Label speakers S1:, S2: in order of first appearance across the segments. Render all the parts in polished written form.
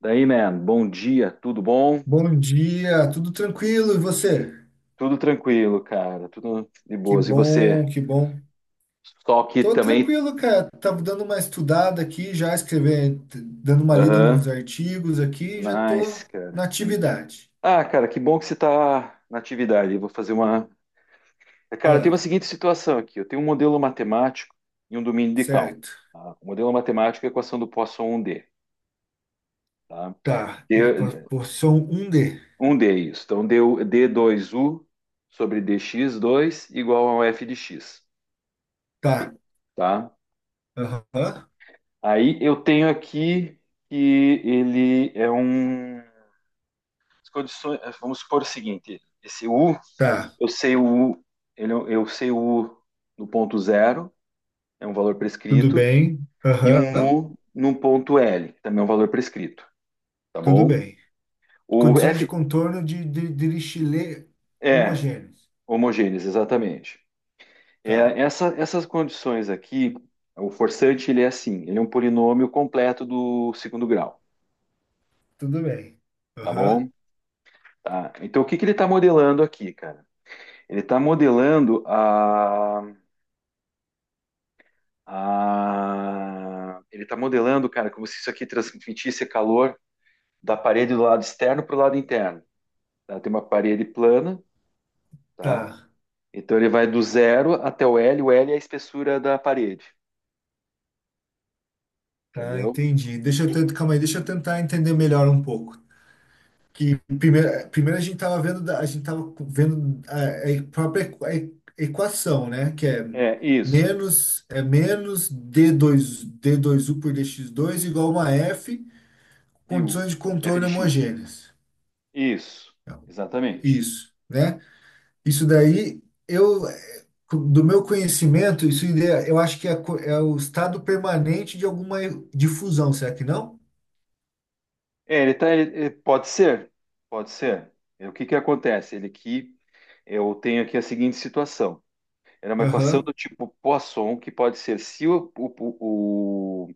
S1: Daí, man, bom dia, tudo bom?
S2: Bom dia, tudo tranquilo e você?
S1: Tudo tranquilo, cara, tudo de
S2: Que
S1: boas. E você?
S2: bom, que bom.
S1: Só que
S2: Tô
S1: também.
S2: tranquilo, cara. Tava dando uma estudada aqui, já escrevendo, dando uma lida nos
S1: Aham,
S2: artigos aqui, já tô
S1: nice, cara.
S2: na atividade.
S1: Ah, cara, que bom que você tá na atividade. Eu vou fazer uma. Cara, tem
S2: Ah,
S1: uma seguinte situação aqui: eu tenho um modelo matemático e um domínio de cálculo.
S2: certo.
S1: Tá? O modelo matemático é a equação do Poisson um d. Tá?
S2: Tá.
S1: D-
S2: Equação 1D.
S1: 1D, isso. Então, deu d dois u sobre d x dois igual ao f de x,
S2: Tá.
S1: tá?
S2: Aham.
S1: Aí eu tenho aqui que ele é um. Vamos supor o seguinte: esse U,
S2: Tá.
S1: eu sei o U, ele, é um, eu sei o U no ponto zero, é um valor
S2: Tudo
S1: prescrito,
S2: bem.
S1: e
S2: Aham.
S1: um U no ponto L, que também é um valor prescrito, tá
S2: Tudo
S1: bom?
S2: bem.
S1: O
S2: Condições de
S1: F
S2: contorno de, de lixilê
S1: é
S2: homogêneos.
S1: homogêneos, exatamente.
S2: Tá.
S1: É, essa, essas condições aqui, o forçante ele é assim, ele é um polinômio completo do segundo grau,
S2: Tudo bem.
S1: tá bom?
S2: Aham.
S1: Tá. Então o que que ele está modelando aqui, cara? Ele tá modelando Ele tá modelando, cara, como se isso aqui transmitisse calor da parede do lado externo para o lado interno. Tá? Tem uma parede plana, tá?
S2: Tá.
S1: Então ele vai do zero até o L. O L é a espessura da parede,
S2: Tá,
S1: entendeu?
S2: entendi. Deixa eu tentar, calma aí, deixa eu tentar entender melhor um pouco. Que primeiro a gente estava vendo, a gente tava vendo a própria a equação, né? Que é
S1: É isso.
S2: menos, é menos d dois u por dx dois igual a uma F,
S1: De U.
S2: condições de
S1: F de
S2: contorno
S1: X.
S2: homogêneas.
S1: Isso. Exatamente.
S2: Isso, né? Isso daí, eu, do meu conhecimento, eu acho que é, é o estado permanente de alguma difusão, será que não?
S1: É, ele tá. Pode ser. Pode ser. É, o que que acontece? Ele aqui, eu tenho aqui a seguinte situação. Era uma equação
S2: Aham.
S1: do tipo Poisson, que pode ser se o, o, o,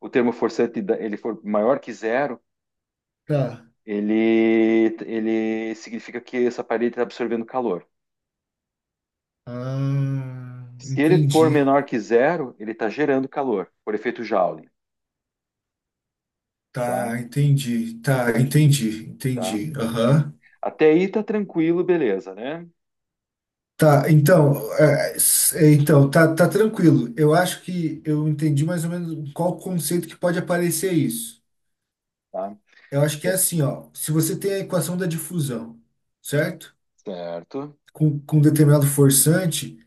S1: o termo forçante ele for maior que zero,
S2: Tá.
S1: ele significa que essa parede está absorvendo calor.
S2: Ah,
S1: Se ele for
S2: entendi.
S1: menor que zero, ele está gerando calor, por efeito Joule, tá?
S2: Tá, entendi. Tá, entendi.
S1: Tá.
S2: Entendi. Aham.
S1: Até aí tá tranquilo, beleza, né?
S2: Tá, então, então tá, tá tranquilo. Eu acho que eu entendi mais ou menos qual conceito que pode aparecer isso.
S1: Tá.
S2: Eu acho que é
S1: É,
S2: assim, ó. Se você tem a equação da difusão, certo?
S1: certo.
S2: Com determinado forçante,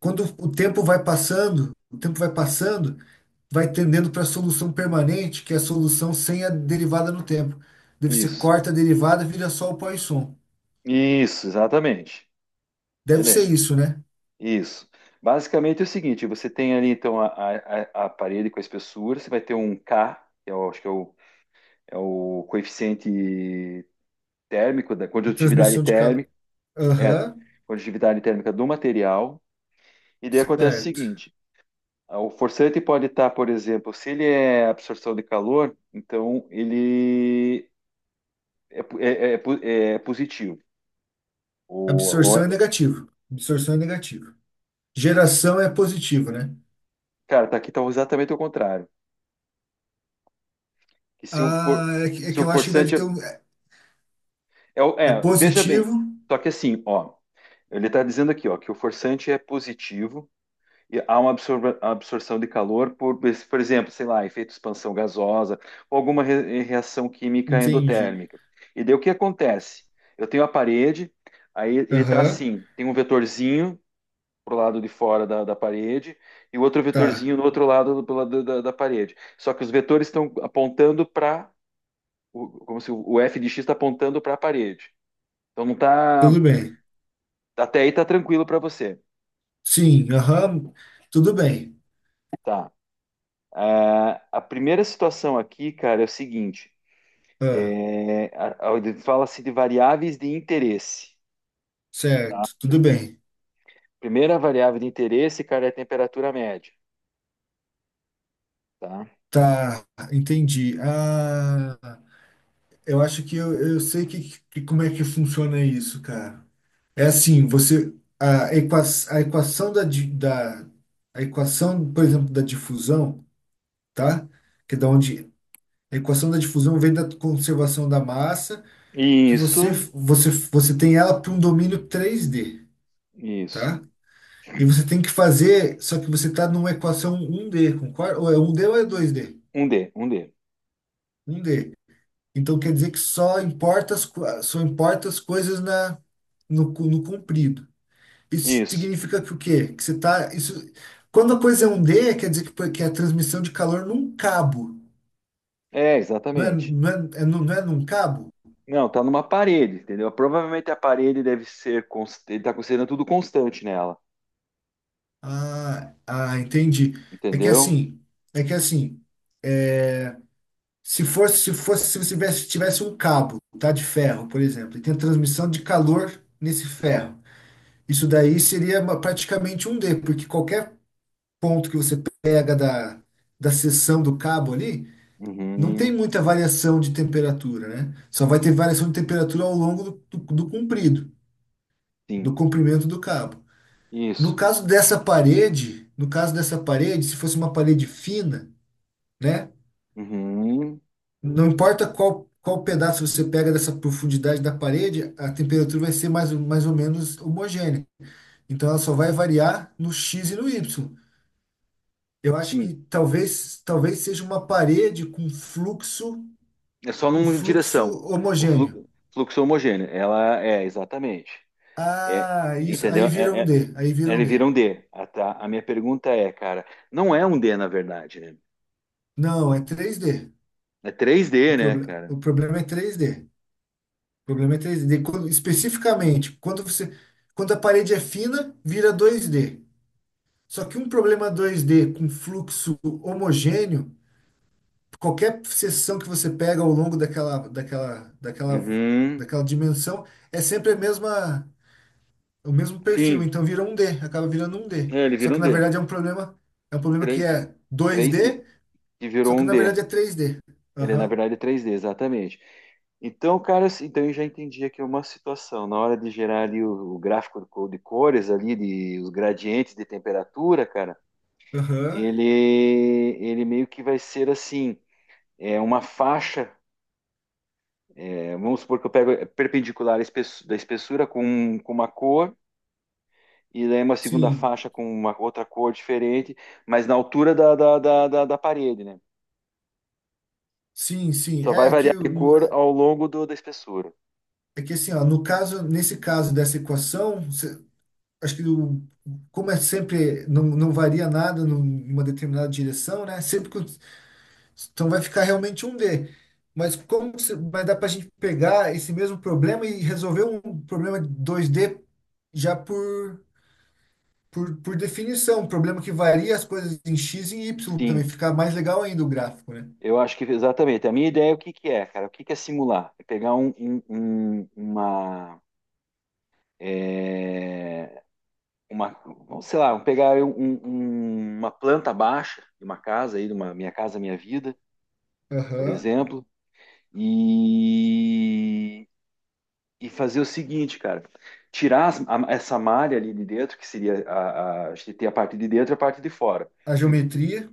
S2: quando o tempo vai passando, vai tendendo para a solução permanente, que é a solução sem a derivada no tempo. Deve ser,
S1: Isso.
S2: corta a derivada, vira só o Poisson.
S1: Isso, exatamente.
S2: Deve ser
S1: Beleza.
S2: isso, né?
S1: Isso. Basicamente é o seguinte, você tem ali então a parede com a espessura, você vai ter um K, que eu acho que é o, é o coeficiente térmico, da
S2: De
S1: condutividade
S2: transmissão de calor.
S1: térmica, é,
S2: Aham,
S1: condutividade térmica do material, e daí acontece o
S2: certo.
S1: seguinte, o forçante pode estar, por exemplo, se ele é absorção de calor, então ele é, po- é, é positivo. O,
S2: Absorção é
S1: o-
S2: negativo. Absorção é negativo. Geração é positivo, né?
S1: cara, tá aqui tá exatamente o contrário, que se o, for-
S2: Ah, é
S1: se
S2: que
S1: o
S2: eu acho que deve
S1: forçante é
S2: ter um. É é
S1: Veja bem,
S2: positivo.
S1: só que assim, ó, ele está dizendo aqui, ó, que o forçante é positivo e há uma absorção de calor por exemplo, sei lá, efeito expansão gasosa ou alguma reação química
S2: Entendi.
S1: endotérmica. E daí o que acontece? Eu tenho a parede, aí ele está
S2: Aham,
S1: assim, tem um vetorzinho pro lado de fora da parede e o outro
S2: tá.
S1: vetorzinho no outro lado do, pela- da, da- da parede. Só que os vetores estão apontando para, como se o f de x está apontando para a parede. Então não está.
S2: Tudo bem.
S1: Até aí tá tranquilo para você.
S2: Sim, aham, tudo bem.
S1: Tá. Ah, a primeira situação aqui, cara, é o seguinte:
S2: Ah.
S1: fala-se de variáveis de interesse.
S2: Certo, tudo bem.
S1: Primeira variável de interesse, cara, é a temperatura média, tá?
S2: Tá, entendi. Ah, eu acho que eu sei que, como é que funciona isso, cara. É assim, você a, equa, a equação da, di- da a equação, por exemplo, da difusão, tá? Que é da onde a equação da difusão vem da conservação da massa, que
S1: Isso,
S2: você tem ela para um domínio três d,
S1: isso.
S2: tá? E você tem que fazer, só que você está numa equação um d, concorda? Ou é um d ou é dois d,
S1: Um D.
S2: um d. Então quer dizer que só importa só importa as coisas na, no comprido. Isso
S1: Isso.
S2: significa que o quê? Que você tá, isso, quando a coisa é um D, quer dizer que, que é a transmissão de calor num cabo.
S1: É,
S2: Não é,
S1: exatamente.
S2: não é, é não é num cabo?
S1: Não, tá numa parede, entendeu? Provavelmente a parede deve ser. Ele tá considerando tudo constante nela,
S2: Ah, ah, entendi. É que
S1: entendeu?
S2: assim, é que assim, se fosse, se você tivesse um cabo, tá, de ferro, por exemplo, e tem a transmissão de calor nesse ferro. Isso daí seria praticamente um D, porque qualquer ponto que você pega da seção do cabo ali, não tem
S1: Uhum,
S2: muita variação de temperatura, né? Só vai ter variação de temperatura ao longo do comprido, do
S1: sim.
S2: comprimento do cabo. No
S1: Isso.
S2: caso dessa parede, no caso dessa parede, se fosse uma parede fina, né?
S1: Uhum,
S2: Não importa qual, qual pedaço você pega dessa profundidade da parede, a temperatura vai ser mais, mais ou menos homogênea. Então ela só vai variar no X e no Y. Eu acho
S1: sim.
S2: que talvez seja uma parede com fluxo,
S1: É só
S2: com
S1: numa
S2: fluxo
S1: direção. O
S2: homogêneo.
S1: flu- Fluxo homogêneo. Ela é, exatamente. É,
S2: Ah, isso.
S1: entendeu?
S2: Aí vira um D. Aí vira um
S1: Ele vira
S2: D.
S1: um D. Ah, tá. A minha pergunta é, cara, não é um D, na verdade, né?
S2: Não, é três d.
S1: É três d, né, cara?
S2: O problema é três d. O problema é três d. Especificamente, quando você, quando a parede é fina, vira dois d. Só que um problema dois d com fluxo homogêneo, qualquer seção que você pega ao longo
S1: Uhum.
S2: daquela dimensão, é sempre a mesma, o mesmo perfil,
S1: Sim,
S2: então vira um D, acaba virando um D.
S1: ele
S2: Só
S1: vira
S2: que
S1: um
S2: na
S1: D.
S2: verdade é um problema que
S1: 3
S2: é dois
S1: 3D,
S2: d,
S1: que
S2: só
S1: virou
S2: que
S1: um
S2: na
S1: D.
S2: verdade é três d.
S1: Ele, na
S2: Aham,
S1: verdade, é três d, exatamente. Então, cara, assim, então eu já entendi aqui uma situação. Na hora de gerar ali o gráfico de cores ali, os gradientes de temperatura, cara,
S2: aham.
S1: ele, ele meio que vai ser assim, é uma faixa, vamos supor que eu pego perpendicular à da espessura com uma cor, e daí é uma segunda
S2: Sim,
S1: faixa com uma outra cor diferente, mas na altura da parede, né?
S2: sim, sim.
S1: Só vai
S2: É que,
S1: variar de
S2: o-
S1: cor ao longo da espessura.
S2: é que assim, ó, no caso, nesse caso dessa equação, acho que o, como é sempre, não, não varia nada numa determinada direção, né? Então vai ficar realmente um D. Mas como que vai dar para a gente pegar esse mesmo problema e resolver um problema dois d já por, por definição, um problema que varia as coisas em x e em y também.
S1: Sim,
S2: Fica mais legal ainda o gráfico, né?
S1: eu acho que exatamente. A minha ideia é o que que é, cara? O que que é simular? É pegar uma... é, uma, ou sei lá, vamos pegar uma planta baixa de uma casa aí, de uma Minha Casa Minha Vida, por
S2: Aham.
S1: exemplo, e, fazer o seguinte, cara, tirar essa malha ali de dentro, que seria a gente tem a parte de dentro e a parte de fora.
S2: A geometria,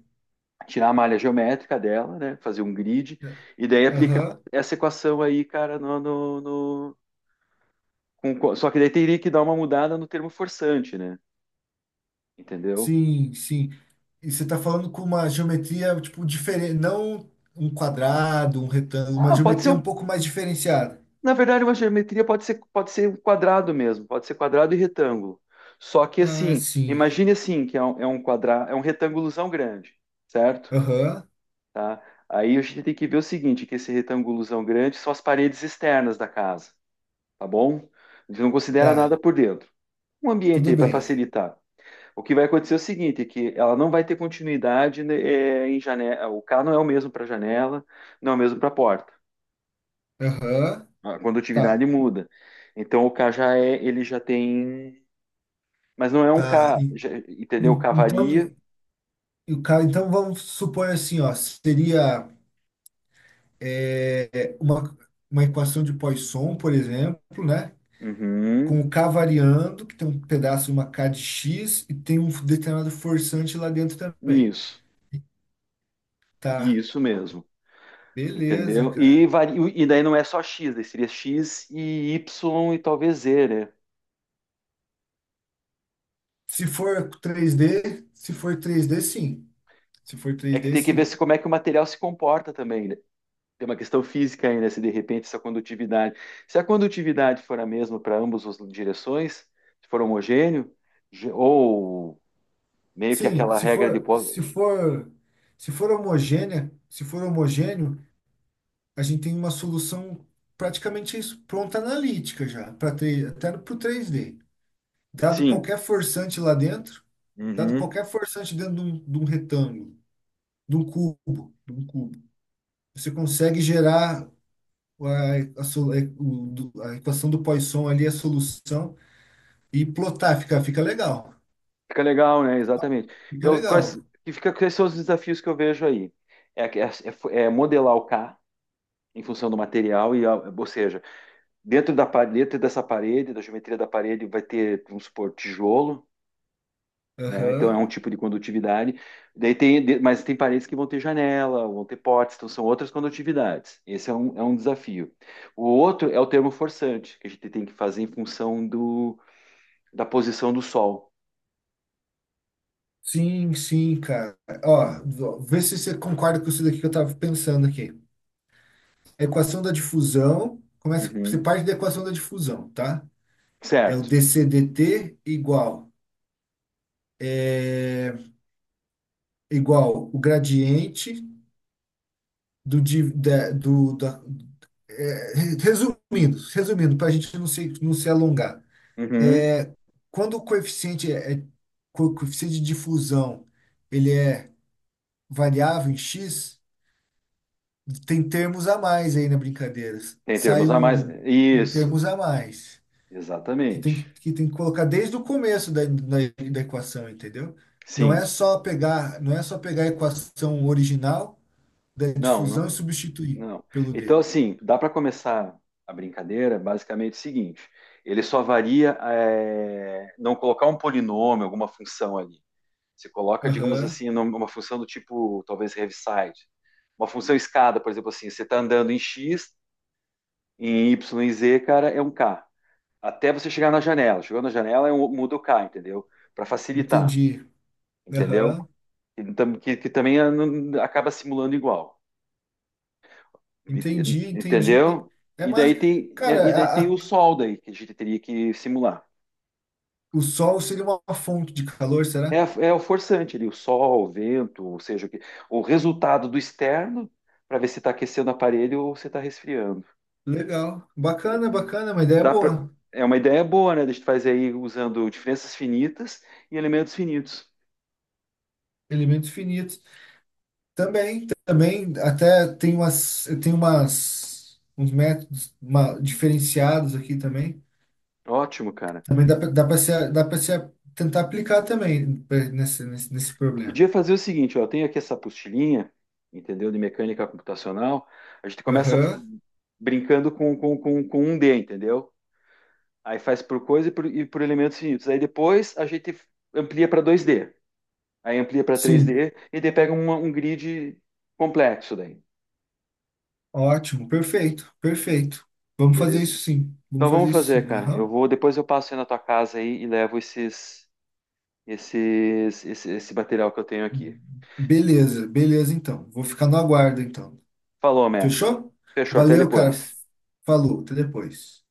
S1: Tirar a malha geométrica dela, né? Fazer um grid,
S2: né?
S1: e daí aplicar
S2: Aham.
S1: essa equação aí, cara, só que daí teria que dar uma mudada no termo forçante, né? Entendeu?
S2: Sim, sim. E você está falando com uma geometria, tipo, diferente. Não um quadrado, um retângulo. Uma
S1: Ah, pode ser,
S2: geometria um
S1: um-
S2: pouco mais diferenciada.
S1: Na verdade, uma geometria pode ser um quadrado mesmo, pode ser quadrado e retângulo. Só que
S2: Ah,
S1: assim,
S2: sim.
S1: imagine assim, que é um quadrado, é um retângulozão grande, certo?
S2: Aham.
S1: Tá? Aí a gente tem que ver o seguinte, que esse retângulozão grande são as paredes externas da casa, tá bom? A gente não considera
S2: Tá.
S1: nada por dentro. Um ambiente
S2: Tudo
S1: aí para
S2: bem.
S1: facilitar. O que vai acontecer é o seguinte, que ela não vai ter continuidade, né, em janela, o K não é o mesmo para janela, não é o mesmo para porta.
S2: Aham.
S1: A condutividade
S2: Tá.
S1: muda. Então o K já é, ele já tem, mas não é um
S2: Tá.
S1: K,
S2: E-
S1: entendeu? K
S2: então,
S1: varia.
S2: e o cara, então vamos supor assim, ó. Seria, é, uma equação de Poisson, por exemplo, né? Com
S1: Uhum,
S2: o K variando, que tem um pedaço de uma K de X e tem um determinado forçante lá dentro também.
S1: isso,
S2: Tá,
S1: isso mesmo,
S2: beleza,
S1: entendeu? E
S2: cara.
S1: varia, e daí não é só X, daí seria X e Y e talvez Z, né?
S2: Se for 3D, se for 3D, sim. Se for
S1: É que
S2: 3D,
S1: tem que ver se
S2: sim.
S1: como é que o material se comporta também, né? Tem uma questão física aí, né? Se de repente essa condutividade, se a condutividade for a mesma para ambas as direções, se for homogêneo, ou meio que
S2: Sim,
S1: aquela
S2: se
S1: regra de
S2: for,
S1: Poisson.
S2: se for, se for homogênea, se for homogêneo, a gente tem uma solução, praticamente isso, pronta analítica já, para, até para o 3D. Dado
S1: Sim.
S2: qualquer forçante lá dentro, dado
S1: Uhum.
S2: qualquer forçante dentro de um retângulo, de um cubo, você consegue gerar a so- é, o- do- a equação do Poisson ali, a solução, e plotar, fica, fica legal.
S1: Fica legal, né? Exatamente.
S2: Fica
S1: Então, quais,
S2: legal.
S1: que fica, quais são os desafios que eu vejo aí? É, é, É modelar o K em função do material, ou seja, dentro da parede, dentro dessa parede, da geometria da parede, vai ter, vamos supor, tijolo, né? Então é
S2: Aham.
S1: um tipo de condutividade. Mas tem paredes que vão ter janela, vão ter potes, então são outras condutividades. Esse é um, desafio. O outro é o termo forçante, que a gente tem que fazer em função da posição do sol.
S2: Sim, sim, cara. Ó, ó, vê se você concorda com isso daqui que eu tava pensando aqui. A equação da difusão, começa, você
S1: Uhum.
S2: parte da equação da difusão, tá? É o
S1: Certo.
S2: dCdt igual, é, igual o gradiente do, di- da- do da, é, re- resumindo, resumindo, para a gente não se, não se alongar,
S1: Uhum.
S2: é, quando o coeficiente coeficiente de difusão, ele é variável em x, tem termos a mais aí na brincadeira.
S1: Tem
S2: Sai
S1: termos a mais.
S2: um, tem
S1: Isso,
S2: termos a mais
S1: exatamente.
S2: que tem que colocar desde o começo da equação, entendeu? Não
S1: Sim.
S2: é só pegar, não é só pegar a equação original da
S1: Não, não,
S2: difusão e substituir
S1: não.
S2: pelo
S1: Então,
S2: D.
S1: assim, dá para começar a brincadeira basicamente o seguinte: ele só varia, não colocar um polinômio, alguma função ali. Você coloca, digamos
S2: Aham,
S1: assim, uma função do tipo, talvez, Heaviside. Uma função escada, por exemplo, assim, você está andando em X, em Y e Z, cara, é um K. Até você chegar na janela. Chegou na janela, muda o K, entendeu? Para facilitar,
S2: entendi.
S1: entendeu?
S2: Aham,
S1: Que também, acaba simulando igual.
S2: entendi, entendi.
S1: Entendeu?
S2: É,
S1: E
S2: mas,
S1: daí tem,
S2: cara,
S1: é, e daí tem o sol, daí que a gente teria que simular.
S2: o Sol seria uma fonte de calor,
S1: É,
S2: será?
S1: é o forçante ali, o sol, o vento, ou seja, o resultado do externo para ver se está aquecendo o aparelho ou se está resfriando.
S2: Legal, bacana, bacana, uma ideia
S1: Dá pra,
S2: boa.
S1: é uma ideia boa, né? A gente faz aí usando diferenças finitas e elementos finitos.
S2: Elementos finitos. Também, também, até tem umas, uns métodos diferenciados aqui também.
S1: Ótimo, cara.
S2: Também dá para, dá para se tentar aplicar também nesse, nesse problema.
S1: Podia fazer o seguinte, ó, eu tenho aqui essa apostilinha, entendeu? De mecânica computacional. A gente começa
S2: Aham,
S1: brincando com um D, entendeu? Aí faz por coisa por elementos finitos. Aí depois a gente amplia para dois d. Aí amplia para três
S2: sim.
S1: d e daí pega um grid complexo daí.
S2: Ótimo, perfeito, perfeito. Vamos fazer
S1: Beleza?
S2: isso sim. Vamos
S1: Então
S2: fazer
S1: vamos
S2: isso
S1: fazer,
S2: sim.
S1: cara. Eu
S2: Aham.
S1: vou, depois eu passo aí na tua casa aí e levo esse material que eu tenho aqui.
S2: Beleza, beleza então. Vou ficar no aguardo então.
S1: Falou, man.
S2: Fechou?
S1: Fechou, até
S2: Valeu, cara.
S1: depois.
S2: Falou, até depois.